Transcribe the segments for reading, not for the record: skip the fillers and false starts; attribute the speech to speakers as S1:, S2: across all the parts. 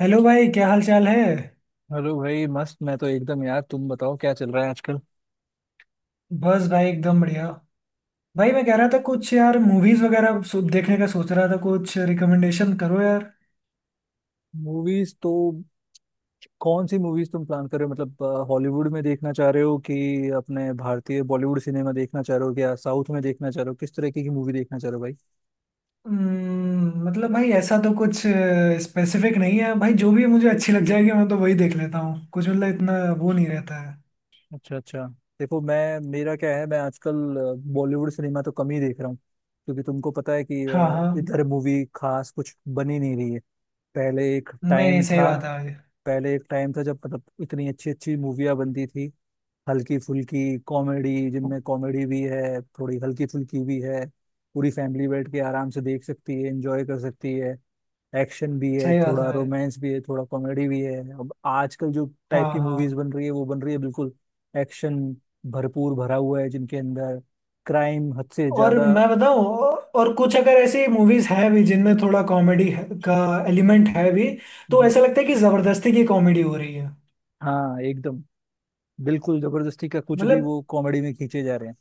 S1: Hello भाई, क्या हाल चाल है।
S2: हेलो भाई, मस्त। मैं तो एकदम यार, तुम बताओ क्या चल रहा है आजकल।
S1: बस भाई एकदम बढ़िया। भाई, मैं कह रहा था कुछ, यार मूवीज वगैरह देखने का सोच रहा था, कुछ रिकमेंडेशन करो यार।
S2: मूवीज तो कौन सी मूवीज तुम प्लान कर रहे हो? मतलब हॉलीवुड में देखना चाह रहे हो कि अपने भारतीय बॉलीवुड सिनेमा देखना चाह रहे हो या साउथ में देखना चाह रहे हो? किस तरीके की मूवी देखना चाह रहे हो भाई?
S1: मतलब भाई ऐसा तो कुछ स्पेसिफिक नहीं है भाई। जो भी मुझे अच्छी लग जाएगी मैं तो वही देख लेता हूँ, कुछ मतलब इतना वो नहीं रहता है।
S2: अच्छा अच्छा। देखो मैं, मेरा क्या है, मैं आजकल बॉलीवुड सिनेमा तो कम ही देख रहा हूँ। क्योंकि तुमको पता है कि
S1: हाँ हाँ।
S2: इधर मूवी खास कुछ बनी नहीं रही है। पहले एक
S1: नहीं
S2: टाइम
S1: सही
S2: था।
S1: बात है भाई।
S2: पहले एक टाइम था जब मतलब इतनी अच्छी अच्छी मूवियाँ बनती थी। हल्की फुल्की कॉमेडी, जिनमें कॉमेडी भी है, थोड़ी हल्की फुल्की भी है, पूरी फैमिली बैठ के आराम से देख सकती है, एंजॉय कर सकती है। एक्शन भी है
S1: सही बात है
S2: थोड़ा,
S1: भाई।
S2: रोमांस भी है थोड़ा, कॉमेडी भी है। अब आजकल जो
S1: हाँ
S2: टाइप की
S1: हाँ।
S2: मूवीज बन रही है वो बन रही है बिल्कुल एक्शन भरपूर भरा हुआ है जिनके अंदर, क्राइम हद से
S1: और
S2: ज्यादा।
S1: मैं बताऊँ। और कुछ अगर ऐसी मूवीज हैं भी जिनमें थोड़ा कॉमेडी का एलिमेंट है भी तो
S2: हम्म।
S1: ऐसा लगता है कि जबरदस्ती की कॉमेडी हो रही है।
S2: हाँ एकदम, बिल्कुल जबरदस्ती का कुछ भी
S1: मतलब
S2: वो कॉमेडी में खींचे जा रहे हैं।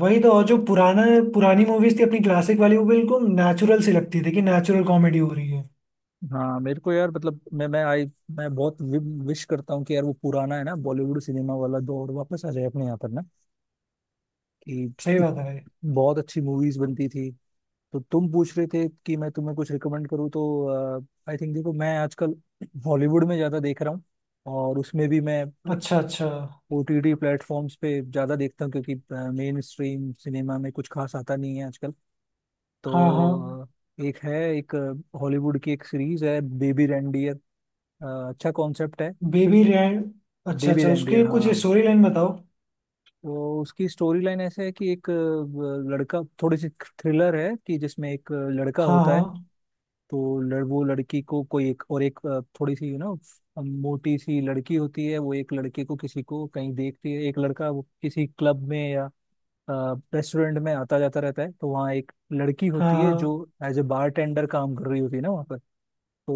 S1: वही तो। और जो पुराना पुरानी मूवीज थी अपनी क्लासिक वाली, वो बिल्कुल नेचुरल सी लगती थी कि नेचुरल कॉमेडी हो रही है।
S2: हाँ मेरे को यार, मतलब मैं आई, मैं बहुत विश करता हूँ कि यार वो पुराना है ना बॉलीवुड सिनेमा वाला दौर वापस आ जाए अपने यहाँ पर ना। कि
S1: सही
S2: इत,
S1: बात है भाई।
S2: बहुत अच्छी मूवीज बनती थी। तो तुम पूछ रहे थे कि मैं तुम्हें कुछ रिकमेंड करूँ, तो आई थिंक, देखो मैं आजकल बॉलीवुड में ज्यादा देख रहा हूँ। और उसमें भी मैं
S1: अच्छा अच्छा।
S2: ओटीटी प्लेटफॉर्म्स पे ज्यादा देखता हूँ, क्योंकि मेन स्ट्रीम सिनेमा में कुछ खास आता नहीं है आजकल।
S1: हाँ हाँ।
S2: तो एक है, एक हॉलीवुड की एक सीरीज है बेबी रेंडियर। अच्छा कॉन्सेप्ट है।
S1: बेबी रैंड। अच्छा
S2: डेवी
S1: अच्छा,
S2: रेंडियर
S1: उसके कुछ
S2: हाँ।
S1: स्टोरी लाइन बताओ।
S2: तो उसकी स्टोरी लाइन ऐसे है कि एक लड़का, थोड़ी सी थ्रिलर है, कि जिसमें एक लड़का
S1: हाँ
S2: होता है।
S1: हाँ
S2: वो लड़की को कोई एक और एक थोड़ी सी, यू नो, मोटी सी लड़की होती है, वो एक लड़के को किसी को कहीं देखती है। एक लड़का वो किसी क्लब में या रेस्टोरेंट में आता जाता रहता है, तो वहाँ एक लड़की होती है जो
S1: हाँ
S2: एज ए बारटेंडर काम कर रही होती है ना वहाँ पर। तो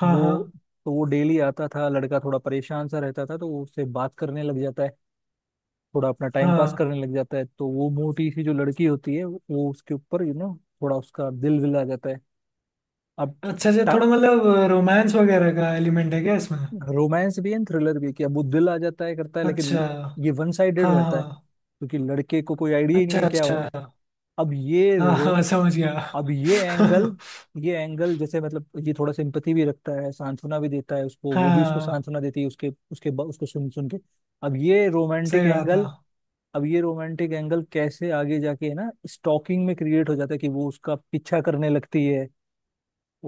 S1: हाँ
S2: वो,
S1: हाँ
S2: तो वो डेली आता था, लड़का थोड़ा परेशान सा रहता था, तो वो उससे बात करने लग जाता है, थोड़ा अपना टाइम
S1: हाँ
S2: पास
S1: हाँ।
S2: करने लग जाता है। तो वो मोटी सी जो लड़की होती है वो उसके ऊपर, यू नो, थोड़ा उसका दिल विल आ जाता है। अब
S1: अच्छा अच्छा, थोड़ा मतलब रोमांस वगैरह का एलिमेंट है क्या इसमें।
S2: रोमांस भी है, थ्रिलर भी है, कि अब वो दिल आ जाता है करता है, लेकिन
S1: अच्छा।
S2: ये वन साइडेड
S1: हाँ
S2: रहता है
S1: हाँ।
S2: क्योंकि लड़के को कोई आइडिया ही नहीं
S1: अच्छा
S2: है क्या हो
S1: अच्छा।
S2: रहा है। अब ये
S1: हाँ
S2: रो
S1: हाँ समझ गया।
S2: अब ये एंगल, ये एंगल जैसे मतलब ये थोड़ा सिंपथी भी रखता है, सांत्वना भी देता है उसको, वो भी उसको
S1: हाँ
S2: सांत्वना देती है उसके उसके उसको सुन सुन के। अब ये रोमांटिक
S1: सही बात है।
S2: एंगल अब ये रोमांटिक एंगल कैसे आगे जाके है ना, स्टॉकिंग में क्रिएट हो जाता है कि वो उसका पीछा करने लगती है,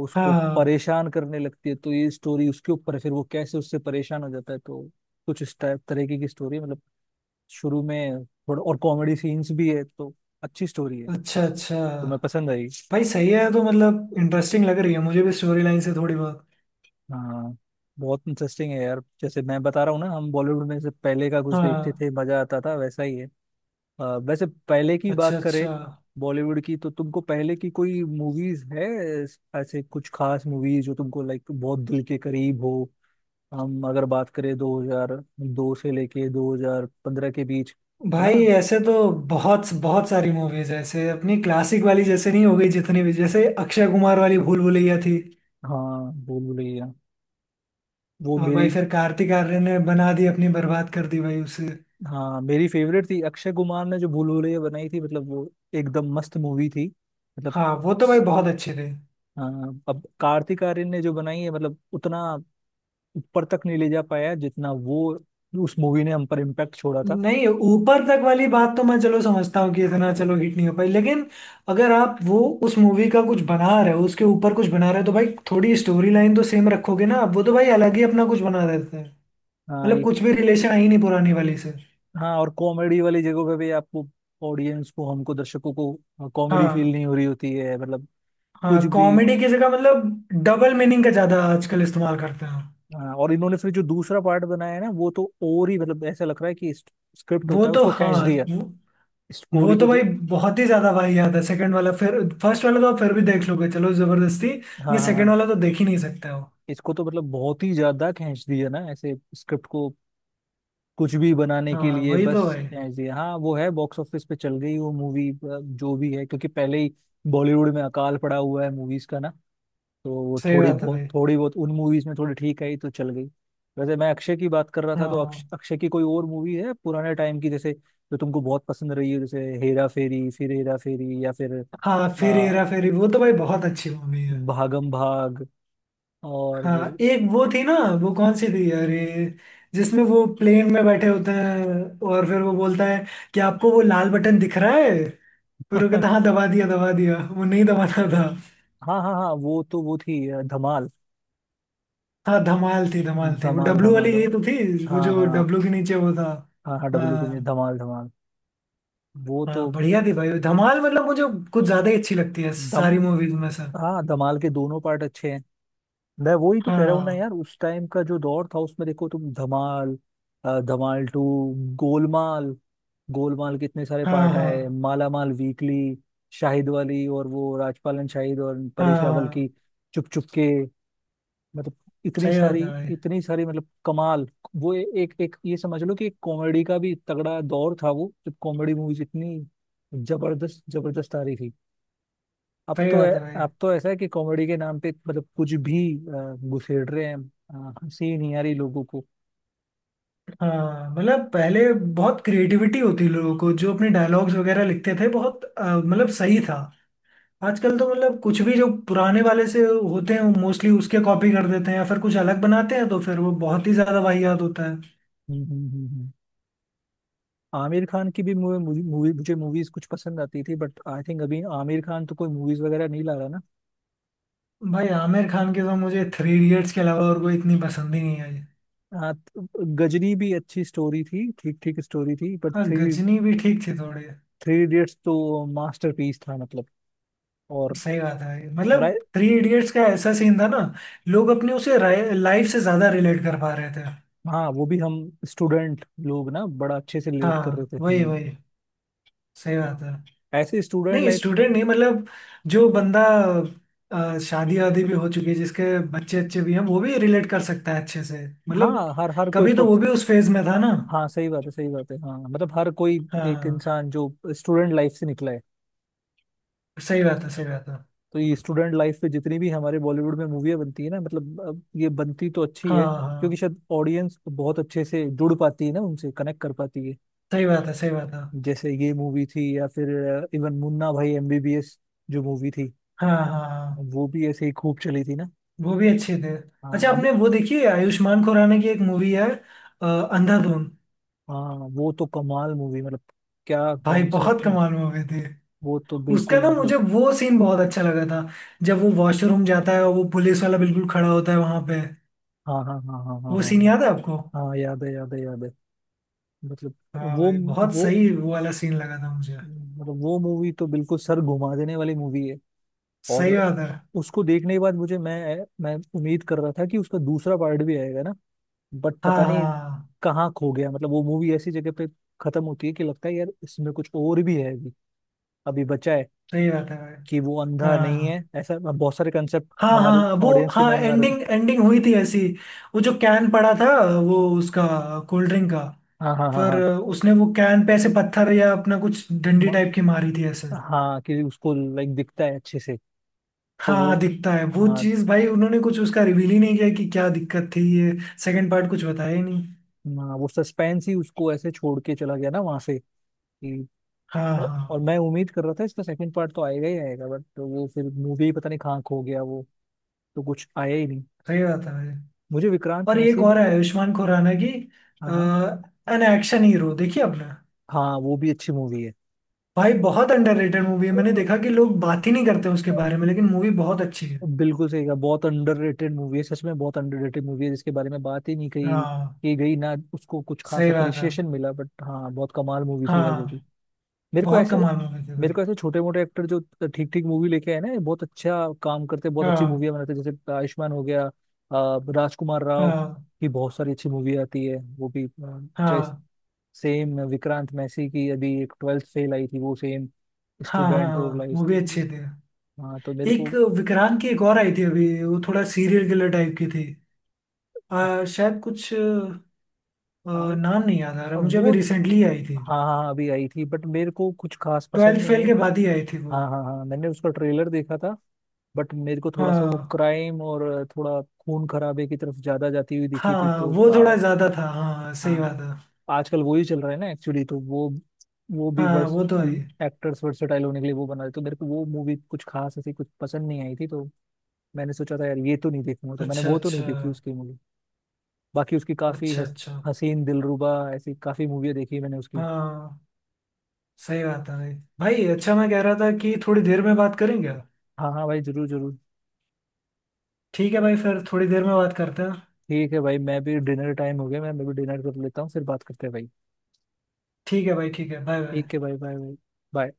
S2: उसको
S1: हाँ।
S2: परेशान करने लगती है। तो ये स्टोरी उसके ऊपर है, फिर वो कैसे उससे परेशान हो जाता है, तो कुछ इस टाइप तरीके की स्टोरी है। मतलब शुरू में थोड़ा और कॉमेडी सीन्स भी है, तो अच्छी स्टोरी है।
S1: अच्छा अच्छा।
S2: तुम्हें पसंद आई।
S1: भाई सही है तो, मतलब इंटरेस्टिंग लग रही है मुझे भी स्टोरी लाइन से थोड़ी बहुत।
S2: हाँ बहुत इंटरेस्टिंग है यार, जैसे मैं बता रहा हूँ ना हम बॉलीवुड में से पहले का कुछ देखते
S1: हाँ।
S2: थे मजा आता था, वैसा ही है। वैसे पहले की
S1: अच्छा
S2: बात करें
S1: अच्छा।
S2: बॉलीवुड की, तो तुमको पहले की कोई मूवीज है ऐसे कुछ खास मूवीज जो तुमको लाइक बहुत दिल के करीब हो? हम अगर बात करें 2002 से लेके 2015 के बीच, है
S1: भाई
S2: ना।
S1: ऐसे तो बहुत बहुत सारी मूवीज है ऐसे अपनी क्लासिक वाली, जैसे नहीं हो गई जितनी भी, जैसे अक्षय कुमार वाली भूल भुलैया थी।
S2: हाँ भूल भुलैया, वो
S1: और भाई
S2: मेरी,
S1: फिर कार्तिक आर्यन ने बना दी अपनी, बर्बाद कर दी भाई उसे।
S2: हाँ मेरी फेवरेट थी। अक्षय कुमार ने जो भूल भुलैया बनाई थी, मतलब वो एकदम मस्त मूवी थी मतलब।
S1: हाँ वो तो भाई बहुत अच्छी थी।
S2: हाँ, अब कार्तिक आर्यन ने जो बनाई है मतलब उतना ऊपर तक नहीं ले जा पाया जितना वो उस मूवी ने हम पर इम्पैक्ट छोड़ा था।
S1: नहीं, ऊपर तक वाली बात तो मैं चलो समझता हूँ कि इतना चलो हिट नहीं हो पाई, लेकिन अगर आप वो उस मूवी का कुछ बना रहे हो, उसके ऊपर कुछ बना रहे हो तो भाई थोड़ी स्टोरी लाइन तो सेम रखोगे ना आप। वो तो भाई अलग ही अपना कुछ बना देते हैं।
S2: हाँ
S1: मतलब
S2: ये,
S1: कुछ भी रिलेशन आई नहीं पुरानी वाली से।
S2: हाँ और कॉमेडी वाली जगहों पे भी आपको ऑडियंस को, हमको, दर्शकों को कॉमेडी फील
S1: हाँ
S2: नहीं हो रही होती है, मतलब
S1: हाँ,
S2: कुछ भी।
S1: कॉमेडी की जगह मतलब डबल मीनिंग का ज्यादा आजकल इस्तेमाल करते हैं।
S2: हाँ, और इन्होंने फिर जो दूसरा पार्ट बनाया है ना, वो तो और ही, मतलब ऐसा लग रहा है कि स्क्रिप्ट
S1: वो
S2: होता है
S1: तो
S2: उसको खींच
S1: हाँ।
S2: दिया,
S1: वो
S2: स्टोरी
S1: वो
S2: को
S1: तो भाई
S2: जो।
S1: बहुत ही ज्यादा भाई, याद है सेकंड वाला। फिर फर्स्ट वाला तो आप फिर भी देख लोगे चलो जबरदस्ती,
S2: हाँ
S1: ये
S2: हाँ
S1: सेकंड
S2: हाँ।
S1: वाला तो देख ही नहीं सकते हो।
S2: इसको तो मतलब बहुत ही ज्यादा खींच दिया ना ऐसे स्क्रिप्ट को, कुछ भी बनाने के
S1: हाँ
S2: लिए।
S1: वही तो
S2: बस
S1: भाई।
S2: ऐसे हाँ, वो है बॉक्स ऑफिस पे चल गई वो मूवी, जो भी है, क्योंकि पहले ही बॉलीवुड में अकाल पड़ा हुआ है मूवीज का ना, तो वो
S1: सही
S2: थोड़ी
S1: बात है
S2: बहुत,
S1: भाई।
S2: थोड़ी बहुत उन मूवीज में थोड़ी ठीक आई तो चल गई। वैसे मैं अक्षय की बात कर रहा था, तो
S1: हाँ
S2: अक्षय की कोई और मूवी है पुराने टाइम की जैसे, जो तुमको बहुत पसंद रही है? जैसे हेरा फेरी, फिर हेरा फेरी, या फिर
S1: हाँ फिर
S2: आ,
S1: हेरा फेरी वो तो भाई बहुत अच्छी मूवी है।
S2: भागम भाग और,
S1: हाँ एक वो थी ना, वो कौन सी थी अरे, जिसमें वो प्लेन में बैठे होते हैं और फिर वो बोलता है कि आपको वो लाल बटन दिख रहा है, फिर वो कहता है, हाँ दबा दिया दबा दिया, वो नहीं दबाना था।
S2: हाँ हाँ हाँ वो तो वो थी धमाल।
S1: हाँ धमाल थी, धमाल थी वो
S2: धमाल
S1: डब्लू
S2: धमाल
S1: वाली, यही
S2: धमाल।
S1: तो थी वो
S2: हाँ
S1: जो
S2: हाँ,
S1: डब्लू के नीचे वो था।
S2: हाँ हाँ डब्लू के लिए
S1: हाँ
S2: धमाल धमाल। वो तो
S1: हाँ बढ़िया थी भाई धमाल, मतलब मुझे कुछ ज्यादा ही अच्छी लगती है
S2: दम,
S1: सारी मूवीज में से।
S2: हाँ धमाल के दोनों पार्ट अच्छे हैं। मैं वही तो कह रहा हूँ ना
S1: हाँ
S2: यार, उस टाइम का जो दौर था उसमें देखो तुम धमाल, धमाल टू, गोलमाल, गोलमाल के इतने सारे
S1: हाँ
S2: पार्ट
S1: हाँ
S2: आए, माला माल वीकली, शाहिद वाली और वो राजपालन शाहिद और
S1: हाँ
S2: परेश रावल की
S1: हाँ।
S2: चुप चुप के, मतलब इतनी
S1: सही बात
S2: सारी,
S1: है भाई।
S2: इतनी सारी मतलब कमाल। वो एक एक, ये समझ लो कि एक कॉमेडी का भी तगड़ा दौर था वो, जब कॉमेडी मूवीज इतनी जबरदस्त जबरदस्त आ रही थी। अब
S1: सही
S2: तो ऐ-
S1: बात है भाई।
S2: अब तो ऐसा है कि कॉमेडी के नाम पे मतलब कुछ भी घुसेड़ रहे हैं, हंसी नहीं आ रही लोगों को।
S1: हाँ मतलब पहले बहुत क्रिएटिविटी होती लोगों को, जो अपने डायलॉग्स वगैरह लिखते थे बहुत, मतलब सही था। आजकल तो मतलब कुछ भी, जो पुराने वाले से होते हैं मोस्टली उसके कॉपी कर देते हैं या फिर कुछ अलग बनाते हैं तो फिर वो बहुत ही ज्यादा वाहियात होता है।
S2: हम्म। आमिर खान की भी मूवी मूवी मूवी- मुझे मूवीज कुछ पसंद आती थी, बट आई थिंक अभी आमिर खान तो कोई मूवीज वगैरह नहीं ला रहा ना।
S1: भाई आमिर खान के तो मुझे थ्री इडियट्स के अलावा और कोई इतनी पसंद ही नहीं आई।
S2: हाँ तो गजनी भी अच्छी स्टोरी थी, ठीक ठीक स्टोरी थी, बट
S1: हाँ
S2: थ्री
S1: गजनी भी ठीक थी थोड़ी।
S2: थ्री इडियट्स तो मास्टरपीस था मतलब। और
S1: सही बात है भाई,
S2: और
S1: मतलब
S2: आए,
S1: थ्री इडियट्स का ऐसा सीन था ना, लोग अपने उसे लाइफ से ज्यादा रिलेट कर पा रहे थे।
S2: हाँ वो भी हम स्टूडेंट लोग ना बड़ा अच्छे से रिलेट कर रहे
S1: हाँ
S2: थे।
S1: वही वही। सही
S2: हाँ,
S1: बात है।
S2: ऐसे स्टूडेंट
S1: नहीं
S2: लाइफ।
S1: स्टूडेंट नहीं मतलब, जो बंदा शादी वादी भी हो चुकी है जिसके बच्चे अच्छे भी हैं, वो भी रिलेट कर सकता है अच्छे से मतलब,
S2: हाँ हर हर
S1: कभी तो वो भी उस फेज में था ना।
S2: हाँ सही बात है, सही बात है। हाँ मतलब हर कोई, एक
S1: हाँ
S2: इंसान जो स्टूडेंट लाइफ से निकला है।
S1: सही बात है, सही बात है।
S2: तो ये स्टूडेंट लाइफ पे जितनी भी हमारे बॉलीवुड में मूवियाँ बनती है ना, मतलब अब ये बनती तो अच्छी
S1: हाँ
S2: है क्योंकि
S1: हाँ
S2: शायद ऑडियंस बहुत अच्छे से जुड़ पाती है ना, उनसे कनेक्ट कर पाती है।
S1: सही बात है सही बात है।
S2: जैसे ये मूवी थी, या फिर इवन मुन्ना भाई एमबीबीएस जो मूवी थी,
S1: हाँ हाँ हाँ।
S2: वो भी ऐसे ही खूब चली थी ना।
S1: वो भी अच्छे थे।
S2: हाँ
S1: अच्छा,
S2: अभी,
S1: आपने वो देखी है आयुष्मान खुराना की एक मूवी है, अंधाधुन।
S2: हाँ वो तो कमाल मूवी, मतलब क्या
S1: भाई बहुत
S2: कॉन्सेप्ट है।
S1: कमाल मूवी थी।
S2: वो तो
S1: उसका
S2: बिल्कुल
S1: ना
S2: मतलब,
S1: मुझे वो सीन बहुत अच्छा लगा था जब वो वॉशरूम जाता है और वो पुलिस वाला बिल्कुल खड़ा होता है वहां पे।
S2: हाँ हाँ हाँ हाँ हाँ हाँ
S1: वो सीन याद है
S2: हाँ।
S1: आपको।
S2: हाँ, याद है याद है याद है। मतलब
S1: हाँ
S2: वो
S1: भाई बहुत
S2: वो,
S1: सही वो वाला सीन लगा था मुझे।
S2: मतलब वो मूवी तो बिल्कुल सर घुमा देने वाली मूवी है। और
S1: सही बात है।
S2: उसको देखने के बाद मुझे, मैं उम्मीद कर रहा था कि उसका दूसरा पार्ट भी आएगा ना, बट
S1: हाँ
S2: पता
S1: हाँ
S2: नहीं
S1: हाँ,
S2: कहाँ खो गया। मतलब वो मूवी ऐसी जगह पे खत्म होती है कि लगता है यार इसमें कुछ और भी है अभी, अभी बचा है,
S1: सही बात है भाई।
S2: कि वो अंधा नहीं है,
S1: हाँ
S2: ऐसा बहुत सारे कंसेप्ट
S1: हाँ हाँ
S2: हमारे
S1: हाँ, वो
S2: ऑडियंस के
S1: हाँ
S2: माइंड में आ रहे
S1: एंडिंग
S2: थे।
S1: एंडिंग हुई थी ऐसी, वो जो कैन पड़ा था, वो उसका कोल्ड ड्रिंक का,
S2: हाँ हाँ हाँ
S1: पर
S2: हाँ,
S1: उसने वो कैन पे ऐसे पत्थर या अपना कुछ डंडी
S2: म,
S1: टाइप की मारी थी ऐसे।
S2: हाँ कि उसको लाइक दिखता है अच्छे से। तो वो,
S1: हाँ दिखता है वो
S2: हाँ
S1: चीज़ भाई, उन्होंने कुछ उसका रिवील ही नहीं किया कि क्या दिक्कत थी ये, सेकंड पार्ट कुछ बताया ही नहीं।
S2: हाँ, वो सस्पेंस ही उसको ऐसे छोड़ के चला गया ना वहां से कि,
S1: हाँ हाँ
S2: और मैं उम्मीद कर रहा था इसका सेकंड पार्ट तो आएगा ही आएगा, बट वो फिर मूवी ही पता नहीं कहाँ खो गया वो, तो कुछ आया ही नहीं।
S1: सही बात है भाई।
S2: मुझे विक्रांत
S1: और एक
S2: मैसी भी,
S1: और है आयुष्मान खुराना की, अ,
S2: हाँ हाँ
S1: एन एक्शन हीरो देखिए आपने।
S2: हाँ, वो भी अच्छी मूवी
S1: भाई बहुत अंडररेटेड मूवी है,
S2: है।
S1: मैंने देखा कि लोग बात ही नहीं करते उसके बारे में, लेकिन मूवी बहुत अच्छी है।
S2: बिल्कुल सही कहा, बहुत अंडररेटेड मूवी है, सच में बहुत अंडररेटेड मूवी है, जिसके बारे में बात ही नहीं कही
S1: हाँ
S2: की गई ना, उसको कुछ खास
S1: सही बात है।
S2: अप्रिशिएशन मिला, बट हाँ बहुत कमाल मूवी थी यार वो भी।
S1: हाँ
S2: मेरे को
S1: बहुत
S2: ऐसे,
S1: कमाल मूवी थी
S2: मेरे
S1: भाई।
S2: को ऐसे छोटे मोटे एक्टर जो ठीक ठीक मूवी लेके आए ना, ये बहुत अच्छा काम करते, बहुत अच्छी
S1: हाँ
S2: मूवियाँ बनाते हैं। जैसे आयुष्मान हो गया, राजकुमार राव
S1: हाँ
S2: की बहुत सारी अच्छी मूवी आती है, वो भी, चाहे
S1: हाँ
S2: सेम विक्रांत मैसी की अभी एक ट्वेल्थ फेल आई थी, वो सेम
S1: हाँ
S2: स्टूडेंट और
S1: हाँ
S2: लाइफ
S1: मूवी
S2: तो।
S1: अच्छी थी।
S2: हाँ तो मेरे
S1: एक
S2: को,
S1: विक्रांत की एक और आई थी अभी, वो थोड़ा सीरियल किलर टाइप की थी,
S2: आ,
S1: शायद कुछ
S2: आ,
S1: नाम नहीं याद आ रहा मुझे, अभी
S2: वो,
S1: रिसेंटली आई थी।
S2: हाँ हाँ हाँ, अभी आई थी बट मेरे को कुछ खास पसंद
S1: ट्वेल्थ
S2: नहीं
S1: फेल
S2: आई।
S1: के बाद ही आई थी वो।
S2: हाँ हाँ हाँ मैंने उसका ट्रेलर देखा था, बट मेरे को थोड़ा सा वो
S1: हाँ
S2: क्राइम और थोड़ा खून खराबे की तरफ ज्यादा जाती हुई दिखी थी,
S1: हाँ
S2: तो
S1: वो थोड़ा ज्यादा था, हाँ सही
S2: हाँ
S1: बात है।
S2: आजकल वो ही चल रहा है ना एक्चुअली, तो वो भी
S1: हाँ
S2: वर्स
S1: वो तो आई।
S2: एक्टर्स वर्सेटाइल होने के लिए वो बना रहे, तो मेरे को वो मूवी कुछ खास ऐसी कुछ पसंद नहीं आई थी, तो मैंने सोचा था यार ये तो नहीं देखूंगा, तो मैंने
S1: अच्छा
S2: वो तो नहीं
S1: अच्छा।
S2: देखी उसकी मूवी। बाकी उसकी काफी
S1: अच्छा अच्छा।
S2: हसीन दिलरुबा ऐसी काफी मूवी देखी मैंने उसकी।
S1: हाँ सही बात है भाई। भाई अच्छा, मैं कह रहा था कि थोड़ी देर में बात करेंगे।
S2: हाँ हाँ भाई जरूर जरूर।
S1: ठीक है भाई, फिर थोड़ी देर में बात करते हैं।
S2: ठीक है भाई, मैं भी डिनर टाइम हो गया, मैं भी डिनर कर लेता हूँ फिर बात करते हैं भाई।
S1: ठीक है भाई, ठीक है, बाय बाय।
S2: ठीक है भाई, बाय बाय।